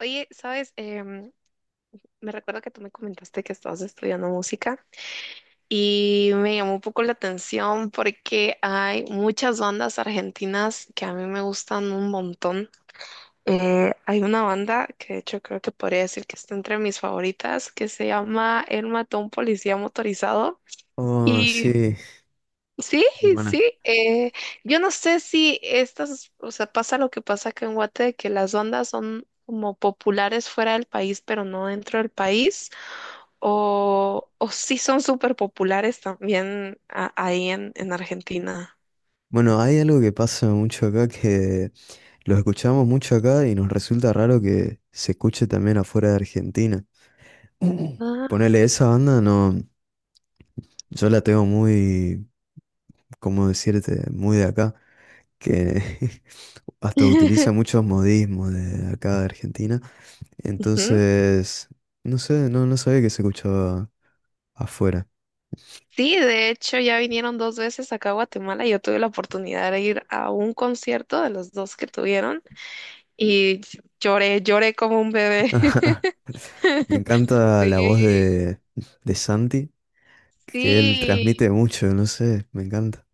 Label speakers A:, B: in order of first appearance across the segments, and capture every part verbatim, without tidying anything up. A: Oye, sabes, Em, me recuerdo que tú me comentaste que estabas estudiando música y me llamó un poco la atención porque hay muchas bandas argentinas que a mí me gustan un montón. Eh, hay una banda que de hecho creo que podría decir que está entre mis favoritas que se llama El Matón Policía Motorizado
B: Oh,
A: y
B: sí,
A: sí,
B: muy
A: sí.
B: buena.
A: Eh, yo no sé si estas, o sea, pasa lo que pasa acá en Guate, de que las ondas son como populares fuera del país, pero no dentro del país, o, o sí son súper populares también a- ahí en, en Argentina.
B: Bueno, hay algo que pasa mucho acá que lo escuchamos mucho acá y nos resulta raro que se escuche también afuera de Argentina.
A: Ah.
B: Ponele, esa banda no, yo la tengo muy, ¿cómo decirte? Muy de acá, que hasta utiliza muchos modismos de acá de Argentina.
A: Ujú.
B: Entonces, no sé, no, no sabía que se escuchaba afuera.
A: Sí, de hecho ya vinieron dos veces acá a Guatemala y yo tuve la oportunidad de ir a un concierto de los dos que tuvieron y lloré, lloré como un bebé.
B: Me encanta la voz
A: Sí,
B: de, de Santi. Que él
A: sí.
B: transmite mucho, no sé, me encanta.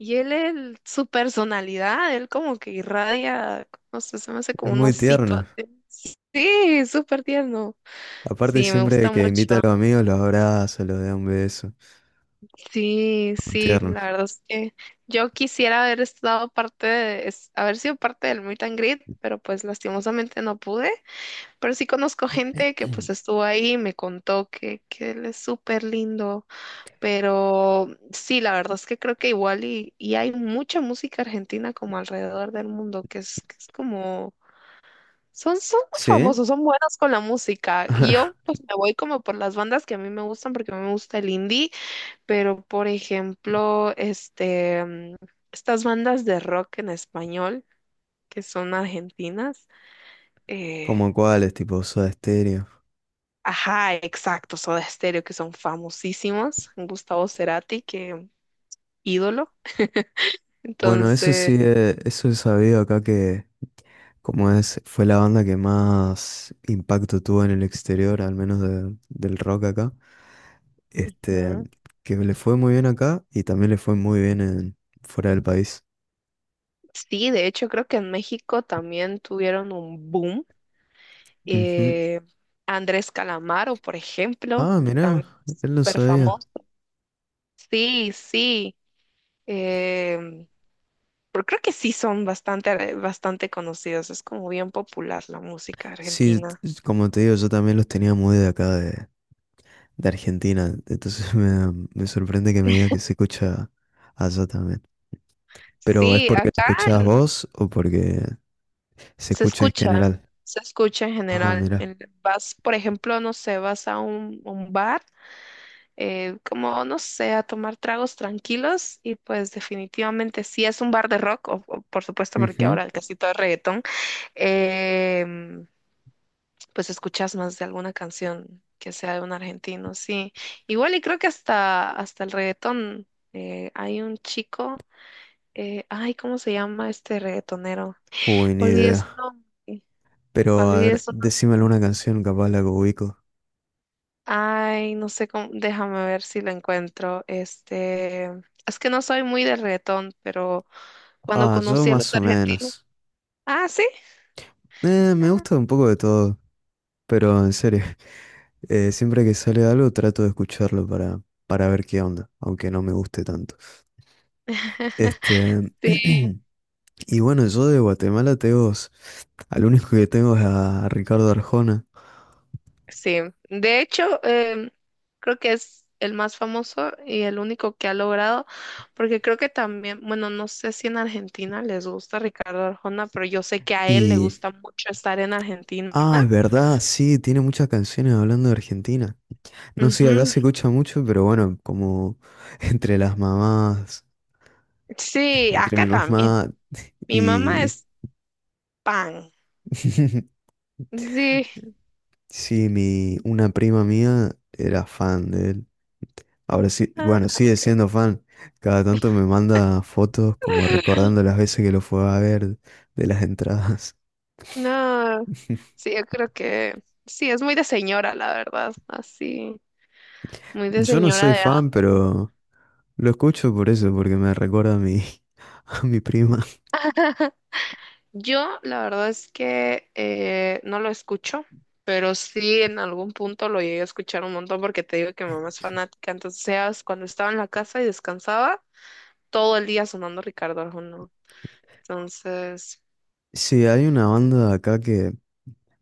A: Y él, él, su personalidad, él como que irradia, no sé, se me hace
B: Es
A: como un
B: muy
A: osito.
B: tierno.
A: Así. Sí, súper tierno.
B: Aparte,
A: Sí, me
B: siempre
A: gusta
B: que
A: mucho.
B: invita a los amigos, los abraza, los da un beso.
A: Sí,
B: Muy
A: sí,
B: tierno.
A: la verdad es que yo quisiera haber estado parte de, es- haber sido parte del Meet and Greet, pero pues lastimosamente no pude. Pero sí conozco gente que pues estuvo ahí y me contó que, que él es súper lindo. Pero sí, la verdad es que creo que igual y, y hay mucha música argentina como alrededor del mundo, que es, que es como, son, son muy
B: ¿Sí?
A: famosos, son buenos con la música. Y yo pues me voy como por las bandas que a mí me gustan, porque a mí me gusta el indie, pero por ejemplo, este, mm, estas bandas de rock en español, que son argentinas, eh,
B: ¿Como cuáles? Tipo Soda Stereo.
A: ajá, exacto, Soda Stereo, que son famosísimos, Gustavo Cerati, que ídolo.
B: Bueno, eso sí,
A: Entonces...
B: eh, eso he sabido acá que, como es, fue la banda que más impacto tuvo en el exterior, al menos de- del rock acá. Este,
A: Ujú.
B: que le fue muy bien acá y también le fue muy bien en, fuera del país.
A: Sí, de hecho creo que en México también tuvieron un boom.
B: Ujú.
A: Eh, Andrés Calamaro, por ejemplo,
B: Ah, mirá,
A: también es
B: él lo
A: súper
B: sabía.
A: famoso. Sí, sí. em, pero creo que sí son bastante, bastante conocidos. Es como bien popular la música
B: Sí, t-
A: argentina.
B: como te digo, yo también los tenía muy de acá de, de, Argentina, entonces me, da- me sorprende que me diga que se escucha allá también. Pero ¿es
A: Sí,
B: porque lo
A: acá
B: escuchabas
A: en-
B: vos o porque se
A: se
B: escucha en
A: escucha,
B: general?
A: se escucha en
B: Ah,
A: general.
B: mira.
A: En- vas, por ejemplo, no sé, vas a un, un bar. Eh, como, no sé, a tomar tragos tranquilos y pues definitivamente si es un bar de rock, o, o, por supuesto porque
B: Ujú.
A: ahora casi todo es reggaetón, em, pues escuchas más de alguna canción que sea de un argentino, sí. Igual y creo que hasta, hasta el reggaetón eh, hay un chico, eh, ay, ¿cómo se llama este reggaetonero?
B: Uy, ni
A: Olvidé su
B: idea.
A: nombre,
B: Pero a
A: olvidé
B: ver,
A: su nombre.
B: decime alguna canción, capaz la que ubico.
A: Ay, no sé cómo, déjame ver si lo encuentro. Este, es que no soy muy de reggaetón, pero cuando
B: Ah, yo
A: conocí a
B: más
A: los
B: o
A: argentinos.
B: menos.
A: Ah, sí.
B: Eh, me
A: Ah.
B: gusta un poco de todo, pero en serio, eh, siempre que sale algo trato de escucharlo para, para ver qué onda, aunque no me guste tanto. Este,
A: Sí,
B: y bueno, yo de Guatemala tengo, s- al único que tengo es a Ricardo Arjona.
A: sí. De hecho, em, creo que es el más famoso y el único que ha logrado, porque creo que también, bueno, no sé si en Argentina les gusta Ricardo Arjona, pero yo sé que a él le
B: Y,
A: gusta mucho estar en Argentina.
B: ah, es verdad, sí, tiene muchas canciones hablando de Argentina. No sé, acá
A: Ujú.
B: se escucha mucho, pero bueno, como entre las mamás,
A: Sí,
B: entre mi
A: acá también.
B: mamá
A: Mi mamá
B: y,
A: es pan. Sí.
B: sí, mi, una prima mía era fan de él. Ahora sí,
A: Ah,
B: bueno, sigue
A: ok.
B: siendo fan. Cada tanto me manda fotos como recordando las veces que lo fue a ver de las entradas.
A: No, sí, yo creo que sí, es muy de señora, la verdad, así. Muy de
B: Yo no
A: señora
B: soy
A: de
B: fan,
A: antes.
B: pero lo escucho por eso, porque me recuerda a mi, a mi prima.
A: Yo, la verdad es que eh, no lo escucho, pero sí en algún punto lo llegué a escuchar un montón porque te digo que mi mamá es fanática. Entonces, seas cuando estaba en la casa y descansaba, todo el día sonando Ricardo Arjona. Entonces,
B: Sí, hay una banda acá que,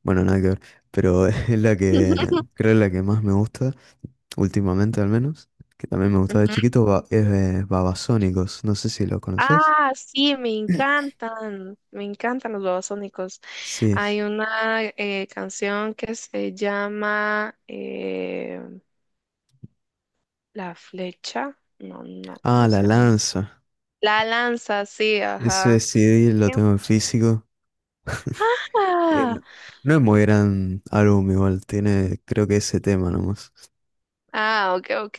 B: bueno, nada que ver, pero es la que creo la que más me gusta, últimamente al menos, que también me gustaba de
A: ujú.
B: chiquito, ba- es eh, Babasónicos. No sé si lo conoces.
A: Ah, sí, me encantan, me encantan los babasónicos.
B: Sí.
A: Hay una eh, canción que se llama eh, La Flecha. No, no,
B: Ah,
A: ¿cómo
B: La
A: se llama?
B: Lanza.
A: La Lanza, sí,
B: Ese
A: ajá.
B: C D lo
A: ¡Qué
B: tengo en físico. Eh,
A: guapa!
B: no, no es muy gran álbum igual, tiene creo que ese tema nomás.
A: Ah, ok, ok.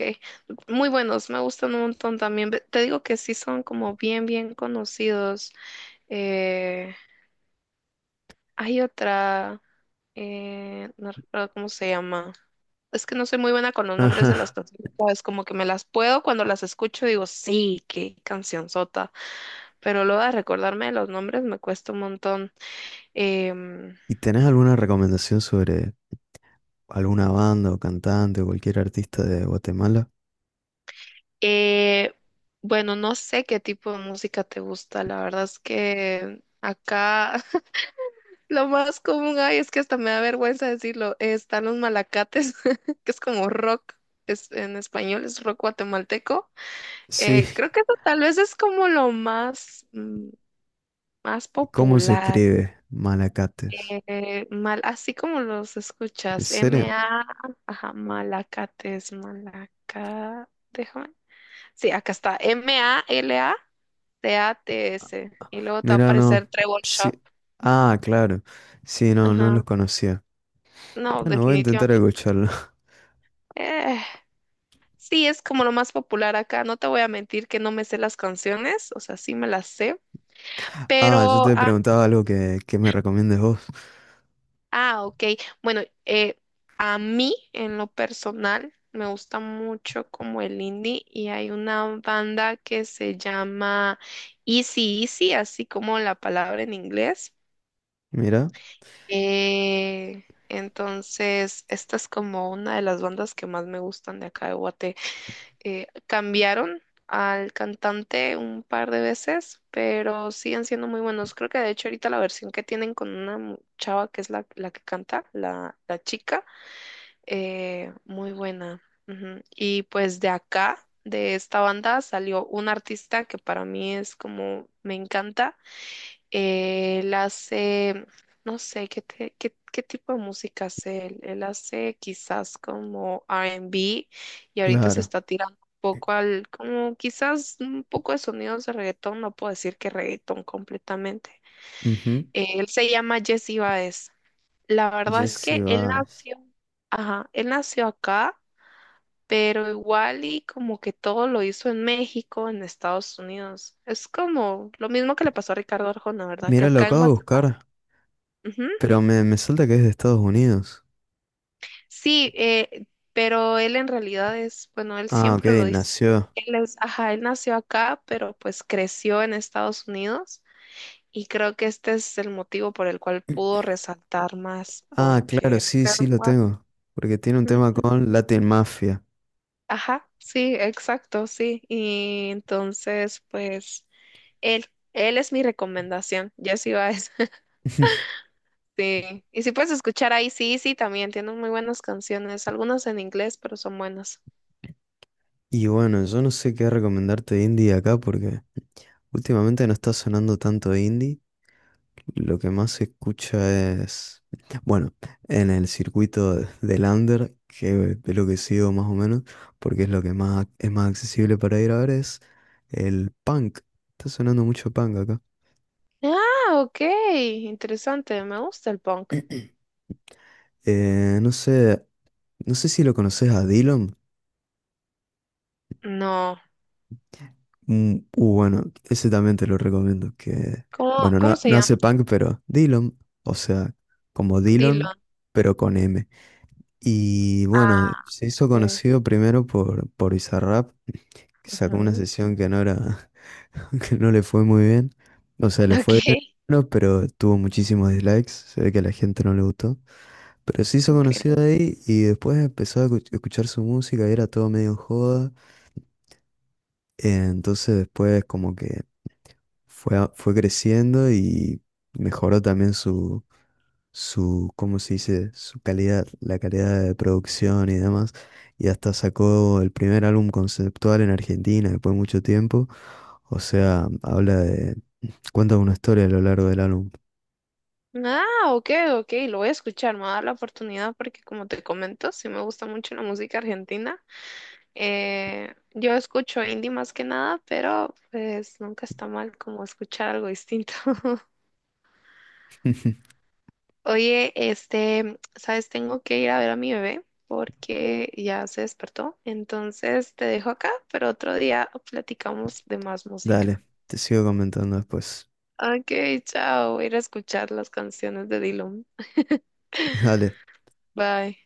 A: Muy buenos, me gustan un montón también. Ve- Te digo que sí son como bien, bien conocidos. Eh, Hay otra, eh, no recuerdo cómo se llama. Es que no soy muy buena con los nombres de las
B: Ajá.
A: canciones, es como que me las puedo cuando las escucho, digo, sí, qué canción cancionzota. Pero luego de recordarme los nombres me cuesta un montón. Em,
B: ¿Y tenés alguna recomendación sobre alguna banda o cantante o cualquier artista de Guatemala?
A: Eh, bueno, no sé qué tipo de música te gusta. La verdad es que acá lo más común hay es que hasta me da vergüenza decirlo. Eh, están los malacates, que es como rock, es, en español es rock guatemalteco.
B: Sí,
A: Eh, creo que eso tal vez es como lo más, mm, más
B: ¿cómo se
A: popular.
B: escribe? Malacates.
A: Eh, mal, así como los
B: ¿En
A: escuchas,
B: serio?
A: M-A, ajá, malacates, malaca, déjame. Sí, acá está. M-A-L-A-T-A-T-S. Y luego te va a
B: Mira, no.
A: aparecer Trevor Shop.
B: Sí. Ah, claro. Sí, no, no
A: Ajá.
B: los conocía.
A: No,
B: Bueno, voy a intentar
A: definitivamente.
B: escucharlo.
A: Eh, sí, es como lo más popular acá. No te voy a mentir que no me sé las canciones. O sea, sí me las sé.
B: Ah, yo
A: Pero,
B: te
A: ah,
B: preguntaba algo que, que, me recomiendes vos.
A: ah, ok. Bueno, eh, a mí, en lo personal, me gusta mucho como el indie. Y hay una banda que se llama Easy Easy, así como la palabra en inglés.
B: Mira,
A: Eh, entonces, esta es como una de las bandas que más me gustan de acá de Guate. Eh, cambiaron al cantante un par de veces, pero siguen siendo muy buenos. Creo que de hecho ahorita la versión que tienen con una mu- chava que es la, la que canta, la, la chica, eh, muy buena. Ujú. Y pues de acá, de esta banda, salió un artista que para mí es como, me encanta eh, él hace, no sé, ¿qué, te- qué, qué tipo de música hace él? Él hace quizás como R and B y ahorita se
B: claro.
A: está tirando un poco al, como quizás un poco de sonidos de reggaetón, no puedo decir que reggaetón completamente.
B: Ujú.
A: Eh, él se llama Jesse Baez. La verdad es
B: Jesse
A: que él
B: Bass.
A: nació, ajá, él nació acá, pero igual y como que todo lo hizo en México, en Estados Unidos. Es como lo mismo que le pasó a Ricardo Arjona, ¿verdad? Que
B: Mira, lo
A: acá en
B: acabo de
A: Guatemala
B: buscar.
A: ujú.
B: Pero me, me salta que es de Estados Unidos.
A: Sí, eh, pero él en realidad es, bueno, él
B: Ah, ok,
A: siempre lo dice, ¿verdad?
B: nació.
A: Él es, ajá, él nació acá, pero pues creció en Estados Unidos y creo que este es el motivo por el cual pudo resaltar más,
B: Ah,
A: porque
B: claro, sí,
A: acá
B: sí
A: en
B: lo
A: Gua-
B: tengo. Porque tiene un tema
A: ujú.
B: con Latin Mafia.
A: Ajá, sí, exacto, sí. Y entonces, pues, él, él es mi recomendación, Jesse Baez. Sí. Y si puedes escuchar ahí, sí, sí, también tiene muy buenas canciones, algunas en inglés, pero son buenas.
B: Y bueno, yo no sé qué recomendarte de indie acá porque últimamente no está sonando tanto indie. Lo que más se escucha es, bueno, en el circuito del under, que es lo que sigo más o menos, porque es lo que más es más accesible para ir a ver, es el punk. Está sonando mucho punk acá.
A: Ah, ok, interesante, me gusta el punk.
B: Eh, no sé, no sé, si lo conoces a Dillom.
A: No,
B: Mm, uh, bueno, ese también te lo recomiendo. Que,
A: ¿cómo,
B: bueno,
A: cómo
B: no,
A: se
B: no hace
A: llama?
B: punk, pero Dillom, o sea, como Dillon,
A: Dylan.
B: pero con M. Y bueno,
A: Ah,
B: se hizo
A: ok.
B: conocido primero por, por Bizarrap que sacó una
A: Ujú.
B: sesión que no era, que no le fue muy bien. O sea, le
A: Ok,
B: fue bien, no, pero tuvo muchísimos dislikes. Se ve que a la gente no le gustó. Pero se hizo
A: ok.
B: conocido ahí y después empezó a escu- escuchar su música y era todo medio en joda. Eh, Entonces después como que fue, a- fue creciendo y mejoró también su, su, ¿cómo se dice? Su calidad, la calidad de producción y demás. Y hasta sacó el primer álbum conceptual en Argentina después de mucho tiempo. O sea, habla de, cuenta una historia a lo largo del álbum.
A: Ah, ok, ok, lo voy a escuchar, me va a dar la oportunidad porque como te comento, sí me gusta mucho la música argentina. Eh, yo escucho indie más que nada, pero pues nunca está mal como escuchar algo distinto. Oye, este, sabes, tengo que ir a ver a mi bebé porque ya se despertó. Entonces te dejo acá, pero otro día platicamos de más
B: Dale,
A: música.
B: te sigo comentando después.
A: Ok, chao. Voy a ir a escuchar las canciones de Dylan.
B: Dale.
A: Bye.